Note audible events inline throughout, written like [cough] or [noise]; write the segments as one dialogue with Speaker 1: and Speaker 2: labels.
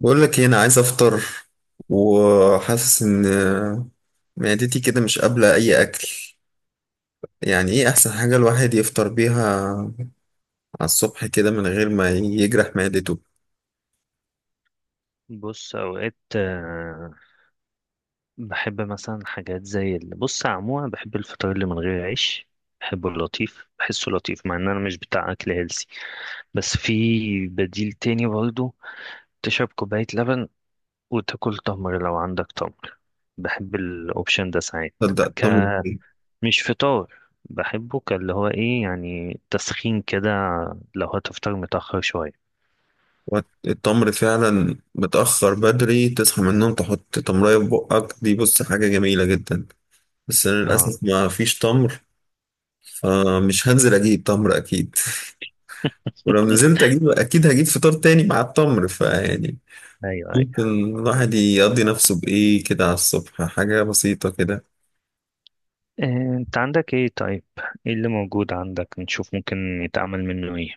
Speaker 1: بقول لك هنا عايز افطر وحاسس ان معدتي كده مش قابلة اي اكل. يعني ايه احسن حاجة الواحد يفطر بيها على الصبح كده من غير ما يجرح معدته؟
Speaker 2: بص اوقات بحب مثلا حاجات زي بص عموما بحب الفطار اللي من غير عيش. بحبه اللطيف، بحسه لطيف مع ان انا مش بتاع اكل هيلسي، بس في بديل تاني برضه. تشرب كوباية لبن وتاكل تمر لو عندك تمر. بحب الاوبشن ده ساعات.
Speaker 1: تبدأ
Speaker 2: ك
Speaker 1: التمر.
Speaker 2: مش فطار. بحبه كاللي هو ايه، يعني تسخين كده لو هتفطر متأخر شوية.
Speaker 1: التمر فعلا متأخر، بدري تصحى من النوم تحط تمرية في بقك، دي بص حاجة جميلة جدا. بس انا للاسف
Speaker 2: اه.
Speaker 1: ما فيش تمر، فمش هنزل اجيب تمر اكيد. [laughs] ولو
Speaker 2: [laughs]
Speaker 1: نزلت اجيب اكيد هجيب فطار تاني مع التمر، فيعني
Speaker 2: ايوه،
Speaker 1: ممكن
Speaker 2: ايوه.
Speaker 1: الواحد يقضي نفسه بإيه كده على الصبح، حاجة بسيطة كده.
Speaker 2: انت عندك ايه طيب؟ ايه اللي موجود عندك نشوف ممكن يتعمل منه ايه؟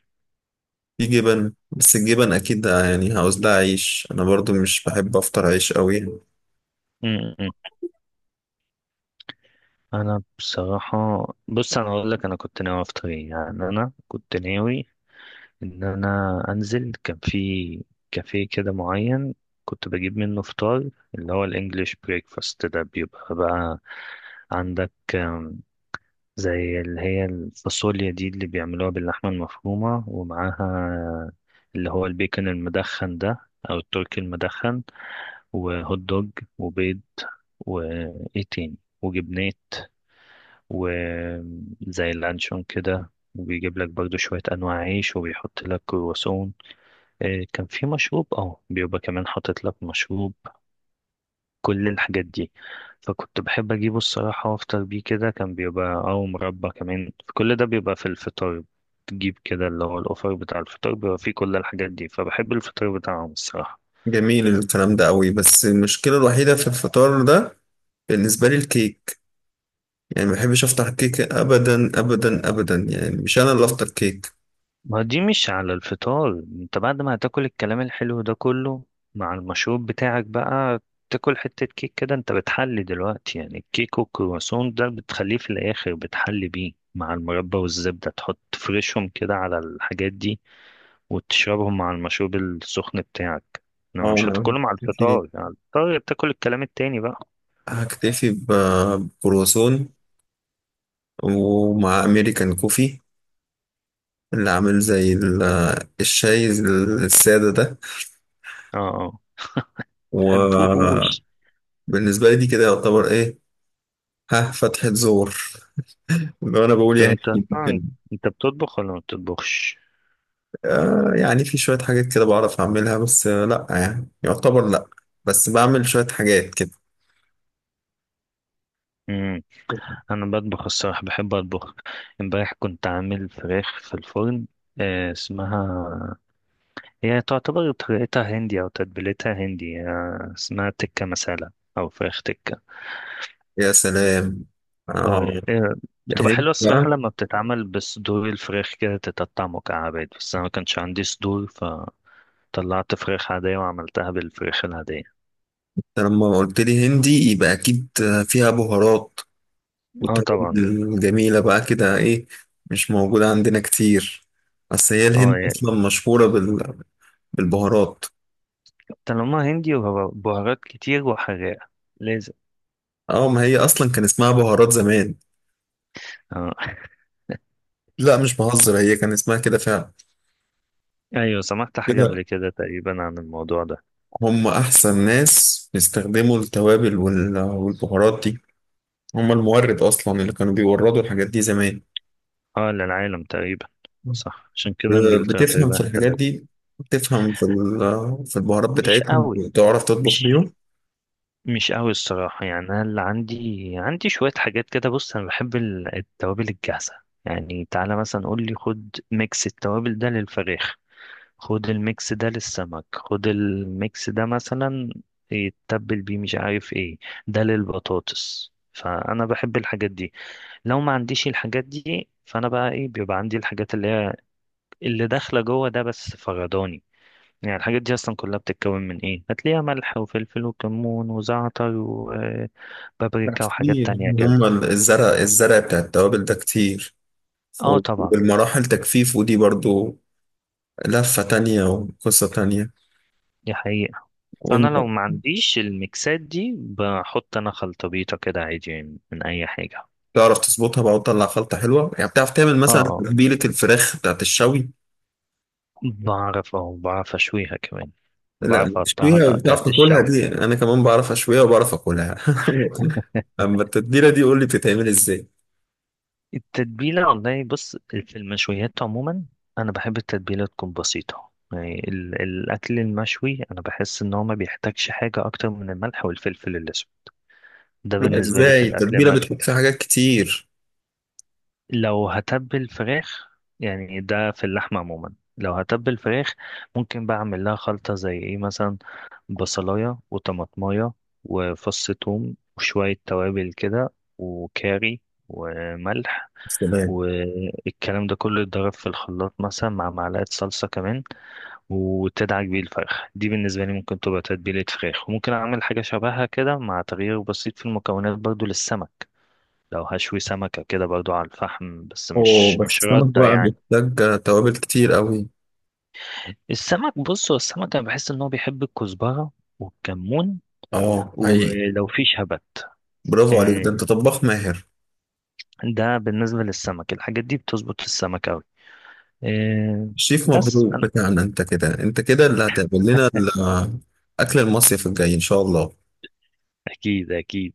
Speaker 1: في جبن، بس الجبن أكيد يعني عاوز لها عيش، أنا برضو مش بحب أفطر عيش أوي يعني.
Speaker 2: م- م. انا بصراحة، بص انا اقول لك انا كنت ناوي افطر ايه، يعني انا كنت ناوي ان انا انزل. كان في كافيه كده معين كنت بجيب منه فطار، اللي هو الانجليش بريكفاست ده. بيبقى بقى عندك زي اللي هي الفاصوليا دي اللي بيعملوها باللحمة المفرومة، ومعاها اللي هو البيكن المدخن ده او التركي المدخن، وهوت دوج، وبيض، وإيه تاني، وجبنات، وزي اللانشون كده. وبيجيب لك برضو شوية أنواع عيش، وبيحط لك كرواسون. كان في مشروب، بيبقى كمان حاطط لك مشروب. كل الحاجات دي. فكنت بحب أجيبه الصراحة وأفطر بيه كده. كان بيبقى أو مربى كمان، كل ده بيبقى في الفطار. تجيب كده اللي هو الأوفر بتاع الفطار، بيبقى فيه كل الحاجات دي، فبحب الفطار بتاعهم الصراحة.
Speaker 1: جميل الكلام ده أوي، بس المشكلة الوحيدة في الفطار ده بالنسبة لي الكيك. يعني ما بحبش افطر كيك ابدا ابدا ابدا، يعني مش انا اللي افطر كيك.
Speaker 2: ما دي مش على الفطار. انت بعد ما هتاكل الكلام الحلو ده كله مع المشروب بتاعك بقى، تاكل حتة كيك كده. انت بتحلي دلوقتي، يعني الكيك والكرواسون ده بتخليه في الاخر بتحلي بيه مع المربى والزبدة، تحط تفرشهم كده على الحاجات دي وتشربهم مع المشروب السخن بتاعك. لو
Speaker 1: اه،
Speaker 2: مش
Speaker 1: انا
Speaker 2: هتاكلهم على
Speaker 1: هكتفي
Speaker 2: الفطار، على الفطار بتاكل الكلام التاني بقى.
Speaker 1: هكتفي بكرواسون ومع امريكان كوفي، اللي عامل زي الشاي السادة ده.
Speaker 2: اه، اه.
Speaker 1: وبالنسبة
Speaker 2: مبحبوهوش.
Speaker 1: لي دي كده يعتبر ايه؟ ها، فتحة زور، لو انا بقول
Speaker 2: طب
Speaker 1: يعني
Speaker 2: انت اصلا
Speaker 1: ممكن.
Speaker 2: انت بتطبخ ولا ما بتطبخش؟
Speaker 1: آه، يعني في شوية حاجات كده بعرف اعملها، بس لا يعني يعتبر لا، بس بعمل شوية حاجات كده.
Speaker 2: مم. انا بطبخ الصراحه، بحب اطبخ. امبارح كنت عامل فراخ في الفرن، اسمها، هي تعتبر طريقتها هندي او تتبيلتها هندي. اسمها تكه مسالة، او فراخ تكه.
Speaker 1: يا سلام. آه.
Speaker 2: اه، بتبقى
Speaker 1: الهند.
Speaker 2: حلوه الصراحه لما بتتعمل بصدور الفراخ كده تتقطع مكعبات، بس انا ما كانش عندي صدور، فطلعت فراخ عاديه وعملتها بالفراخ العاديه.
Speaker 1: أنت لما قلت لي هندي يبقى اكيد فيها بهارات
Speaker 2: اه طبعا.
Speaker 1: وتوابل جميله بقى كده ايه، مش موجوده عندنا كتير. اصل هي
Speaker 2: اه،
Speaker 1: الهند
Speaker 2: يعني
Speaker 1: اصلا مشهوره بال... بالبهارات.
Speaker 2: طالما هندي وبهارات كتير وحراقه، لازم.
Speaker 1: اه، ما هي اصلا كان اسمها بهارات زمان.
Speaker 2: اه.
Speaker 1: لا مش بهزر، هي كان اسمها كده فعلا.
Speaker 2: ايوه، سمعت حاجة
Speaker 1: كده
Speaker 2: قبل كده تقريبا عن الموضوع ده.
Speaker 1: هم احسن ناس بيستخدموا التوابل وال... والبهارات دي. هم المورد اصلا اللي كانوا بيوردوا الحاجات دي زمان.
Speaker 2: اه، للعالم تقريبا. صح، عشان كده انجلترا
Speaker 1: بتفهم
Speaker 2: تقريبا
Speaker 1: في الحاجات
Speaker 2: احتلت.
Speaker 1: دي، بتفهم في في البهارات
Speaker 2: مش
Speaker 1: بتاعتهم،
Speaker 2: قوي
Speaker 1: بتعرف تطبخ
Speaker 2: مش
Speaker 1: بيهم.
Speaker 2: مش قوي الصراحة، يعني انا اللي عندي، عندي شوية حاجات كده. بص انا بحب التوابل الجاهزة. يعني تعالى مثلا قول لي خد ميكس التوابل ده للفراخ، خد الميكس ده للسمك، خد الميكس ده مثلا يتبل بيه مش عارف ايه، ده للبطاطس. فانا بحب الحاجات دي. لو ما عنديش الحاجات دي فانا بقى ايه، بيبقى عندي الحاجات اللي هي اللي داخله جوه ده بس فغداني. يعني الحاجات دي اصلا كلها بتتكون من ايه، هتلاقيها ملح وفلفل وكمون وزعتر
Speaker 1: لا
Speaker 2: وبابريكا وحاجات
Speaker 1: كتير،
Speaker 2: تانية كده.
Speaker 1: هم الزرع، الزرع بتاع التوابل ده كتير.
Speaker 2: اه طبعا.
Speaker 1: والمراحل تجفيف ودي برضو لفة تانية وقصة تانية.
Speaker 2: دي حقيقة.
Speaker 1: وإن
Speaker 2: فانا لو ما عنديش الميكسات دي، بحط انا خلطبيطة كده عادي يعني من اي حاجة.
Speaker 1: تعرف تظبطها بقى وتطلع خلطة حلوة، يعني بتعرف تعمل
Speaker 2: اه،
Speaker 1: مثلا
Speaker 2: اه.
Speaker 1: تتبيلة الفراخ بتاعت الشوي.
Speaker 2: بعرف اشويها كمان.
Speaker 1: لا
Speaker 2: بعرف اقطعها
Speaker 1: بتشويها،
Speaker 2: تقطعة
Speaker 1: بتعرف تاكلها؟
Speaker 2: الشوي.
Speaker 1: دي أنا كمان بعرف أشويها وبعرف أكلها. [laughs] أما التتبيلة دي قول لي بتتعمل إزاي.
Speaker 2: التتبيلة والله، بص في المشويات عموما أنا بحب التتبيلة تكون بسيطة. يعني الأكل المشوي أنا بحس إن هو ما بيحتاجش حاجة أكتر من الملح والفلفل الأسود. ده بالنسبة لي في
Speaker 1: ازاي
Speaker 2: الأكل
Speaker 1: التتبيله
Speaker 2: المشوي.
Speaker 1: بتحط فيها حاجات كتير؟
Speaker 2: لو هتبل فراخ، يعني ده في اللحمة عموما، لو هتبل فراخ، ممكن بعمل لها خلطة زي إيه مثلا؟ بصلاية وطماطماية، وفص ثوم وشوية توابل كده، وكاري، وملح.
Speaker 1: سلام.
Speaker 2: والكلام ده كله يتضرب في الخلاط مثلا مع معلقة صلصة كمان، وتدعك بيه الفرخ. دي بالنسبة لي ممكن تبقى تتبيلة فراخ، وممكن أعمل حاجة شبهها كده مع تغيير بسيط في المكونات برضو للسمك. لو هشوي سمكة كده برضو على الفحم، بس
Speaker 1: اوه،
Speaker 2: مش
Speaker 1: بس
Speaker 2: مش
Speaker 1: السمك
Speaker 2: ردة
Speaker 1: بقى
Speaker 2: يعني.
Speaker 1: محتاج توابل كتير قوي.
Speaker 2: السمك، بص هو السمك أنا بحس إن هو بيحب الكزبرة والكمون،
Speaker 1: اه حقيقي.
Speaker 2: ولو في شبت.
Speaker 1: برافو عليك، ده
Speaker 2: إيه،
Speaker 1: انت طباخ ماهر.
Speaker 2: ده بالنسبة للسمك، الحاجات دي بتظبط في السمك أوي. إيه،
Speaker 1: شيف
Speaker 2: بس
Speaker 1: مبروك
Speaker 2: أنا
Speaker 1: بتاعنا، انت كده، انت كده اللي هتعمل لنا اكل المصيف الجاي ان شاء الله.
Speaker 2: أكيد، أكيد.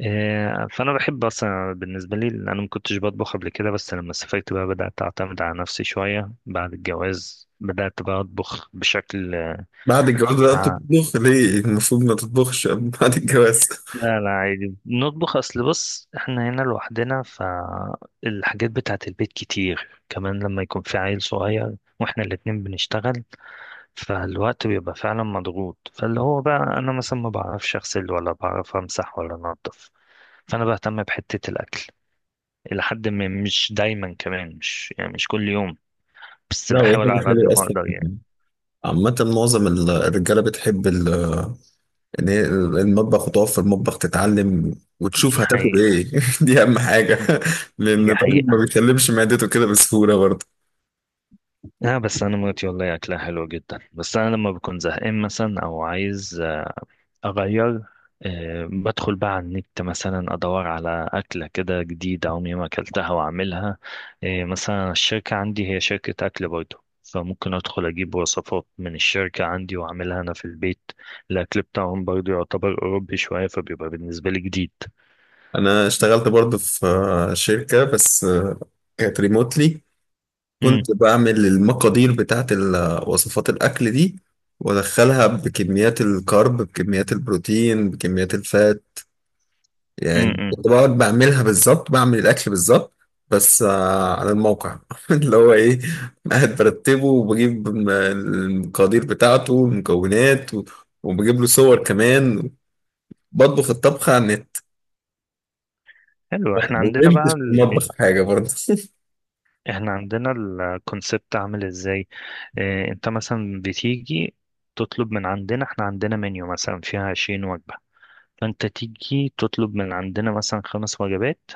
Speaker 2: فانا بحب اصلا بالنسبه لي، لأن انا ما كنتش بطبخ قبل كده، بس لما سافرت بقى بدات اعتمد على نفسي شويه. بعد الجواز بدات بقى اطبخ بشكل.
Speaker 1: بعد الجواز بقى
Speaker 2: آه.
Speaker 1: بتطبخ ليه؟ المفروض ما تطبخش [laughs] بعد الجواز.
Speaker 2: لا، لا، عادي نطبخ، اصل بص احنا هنا لوحدنا، فالحاجات بتاعت البيت كتير، كمان لما يكون في عيل صغير واحنا الاتنين بنشتغل، فالوقت بيبقى فعلا مضغوط. فاللي هو بقى انا مثلا ما بعرفش اغسل ولا بعرف امسح ولا انضف، فانا بهتم بحته الاكل إلى حد ما. مش دايما كمان، مش يعني مش كل يوم، بس
Speaker 1: لا، وهي
Speaker 2: بحاول
Speaker 1: حاجة
Speaker 2: على قد
Speaker 1: حلوة
Speaker 2: ما
Speaker 1: أصلا.
Speaker 2: أقدر يعني.
Speaker 1: عامة معظم الرجالة بتحب ان هي المطبخ، وتقف في المطبخ تتعلم وتشوف
Speaker 2: دي
Speaker 1: هتاكل
Speaker 2: حقيقة.
Speaker 1: ايه. [laughs] دي اهم حاجه. [laughs] لان
Speaker 2: دي
Speaker 1: الراجل
Speaker 2: حقيقة.
Speaker 1: ما بيكلمش معدته كده بسهوله برضه.
Speaker 2: لا، بس أنا مراتي والله أكلها حلو جدا، بس أنا لما بكون زهقان مثلا أو عايز أغير، بدخل بقى على النت مثلا أدور على أكلة كده جديدة عمري ما أكلتها وأعملها. مثلا الشركة عندي هي شركة أكل برضه، فممكن أدخل أجيب وصفات من الشركة عندي وأعملها أنا في البيت. الأكل بتاعهم برضه يعتبر أوروبي شوية، فبيبقى بالنسبة لي جديد.
Speaker 1: انا اشتغلت برضه في شركه، بس كانت ريموتلي. كنت بعمل المقادير بتاعت وصفات الاكل دي، وادخلها بكميات الكارب، بكميات البروتين، بكميات الفات. يعني
Speaker 2: امم.
Speaker 1: كنت بقعد بعملها بالظبط، بعمل الأكل بالظبط. بس على الموقع. [laughs] اللي هو إيه، قاعد برتبه وبجيب المقادير بتاعته والمكونات وبجيب له صور كمان، بطبخ الطبخة على النت.
Speaker 2: حلو.
Speaker 1: ما اتعلمتش في المطبخ حاجة برضه. [laughs]
Speaker 2: احنا عندنا الكونسبت عامل ازاي. اه، انت مثلا بتيجي تطلب من عندنا. احنا عندنا منيو مثلا فيها 20 وجبة، فانت تيجي تطلب من عندنا مثلا خمس وجبات.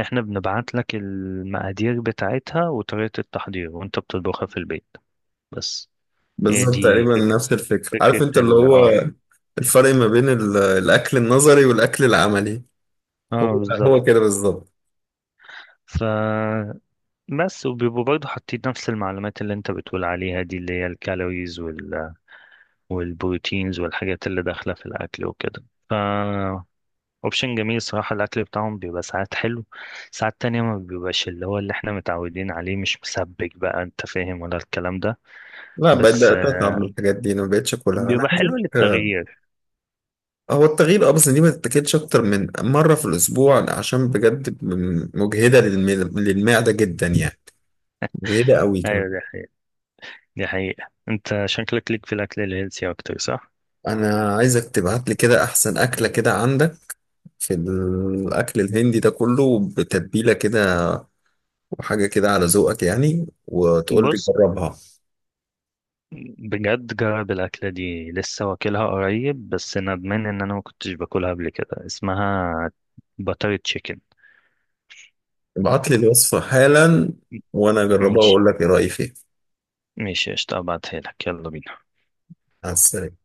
Speaker 2: احنا بنبعت لك المقادير بتاعتها وطريقة التحضير، وانت بتطبخها في البيت بس. هي
Speaker 1: بالظبط
Speaker 2: دي
Speaker 1: تقريبا
Speaker 2: فك...
Speaker 1: نفس الفكرة، عارف
Speaker 2: فكرة
Speaker 1: انت اللي
Speaker 2: ال
Speaker 1: هو
Speaker 2: اه
Speaker 1: الفرق ما بين الأكل النظري والأكل العملي.
Speaker 2: اه،
Speaker 1: هو
Speaker 2: بالظبط.
Speaker 1: هو كده بالظبط.
Speaker 2: ف بس، وبيبقوا برضه حاطين نفس المعلومات اللي انت بتقول عليها دي، اللي هي الكالوريز والبروتينز والحاجات اللي داخلة في الأكل وكده. ف اوبشن جميل صراحة. الأكل بتاعهم بيبقى ساعات حلو، ساعات تانية ما بيبقاش اللي هو اللي احنا متعودين عليه. مش مسبك بقى، انت فاهم ولا الكلام ده.
Speaker 1: لا
Speaker 2: بس
Speaker 1: بدأت أتعب من الحاجات دي، أنا ما بقتش أكلها. أنا
Speaker 2: بيبقى حلو
Speaker 1: عايزك.
Speaker 2: للتغيير.
Speaker 1: هو التغيير اه، بس دي ما تتاكلش اكتر من مره في الاسبوع، عشان بجد مجهده للمعده جدا يعني، مجهده قوي كمان.
Speaker 2: ايوه، ده، دي حقيقة. انت شكلك ليك في الأكل الهيلثي أكتر، صح؟
Speaker 1: انا عايزك تبعت لي كده احسن اكله كده عندك في الاكل الهندي ده كله بتتبيله كده، وحاجه كده على ذوقك يعني، وتقول لي
Speaker 2: بص،
Speaker 1: جربها.
Speaker 2: بجد جرب الأكلة دي، لسه واكلها قريب بس ندمان إن أنا ما كنتش باكلها قبل كده، اسمها باتر تشيكن.
Speaker 1: ابعت لي الوصفه حالا وانا اجربها
Speaker 2: ماشي،
Speaker 1: واقول لك ايه رايي فيها.
Speaker 2: ماشي، قشطة، ابعتها لك، يلا بينا.
Speaker 1: على السلامه.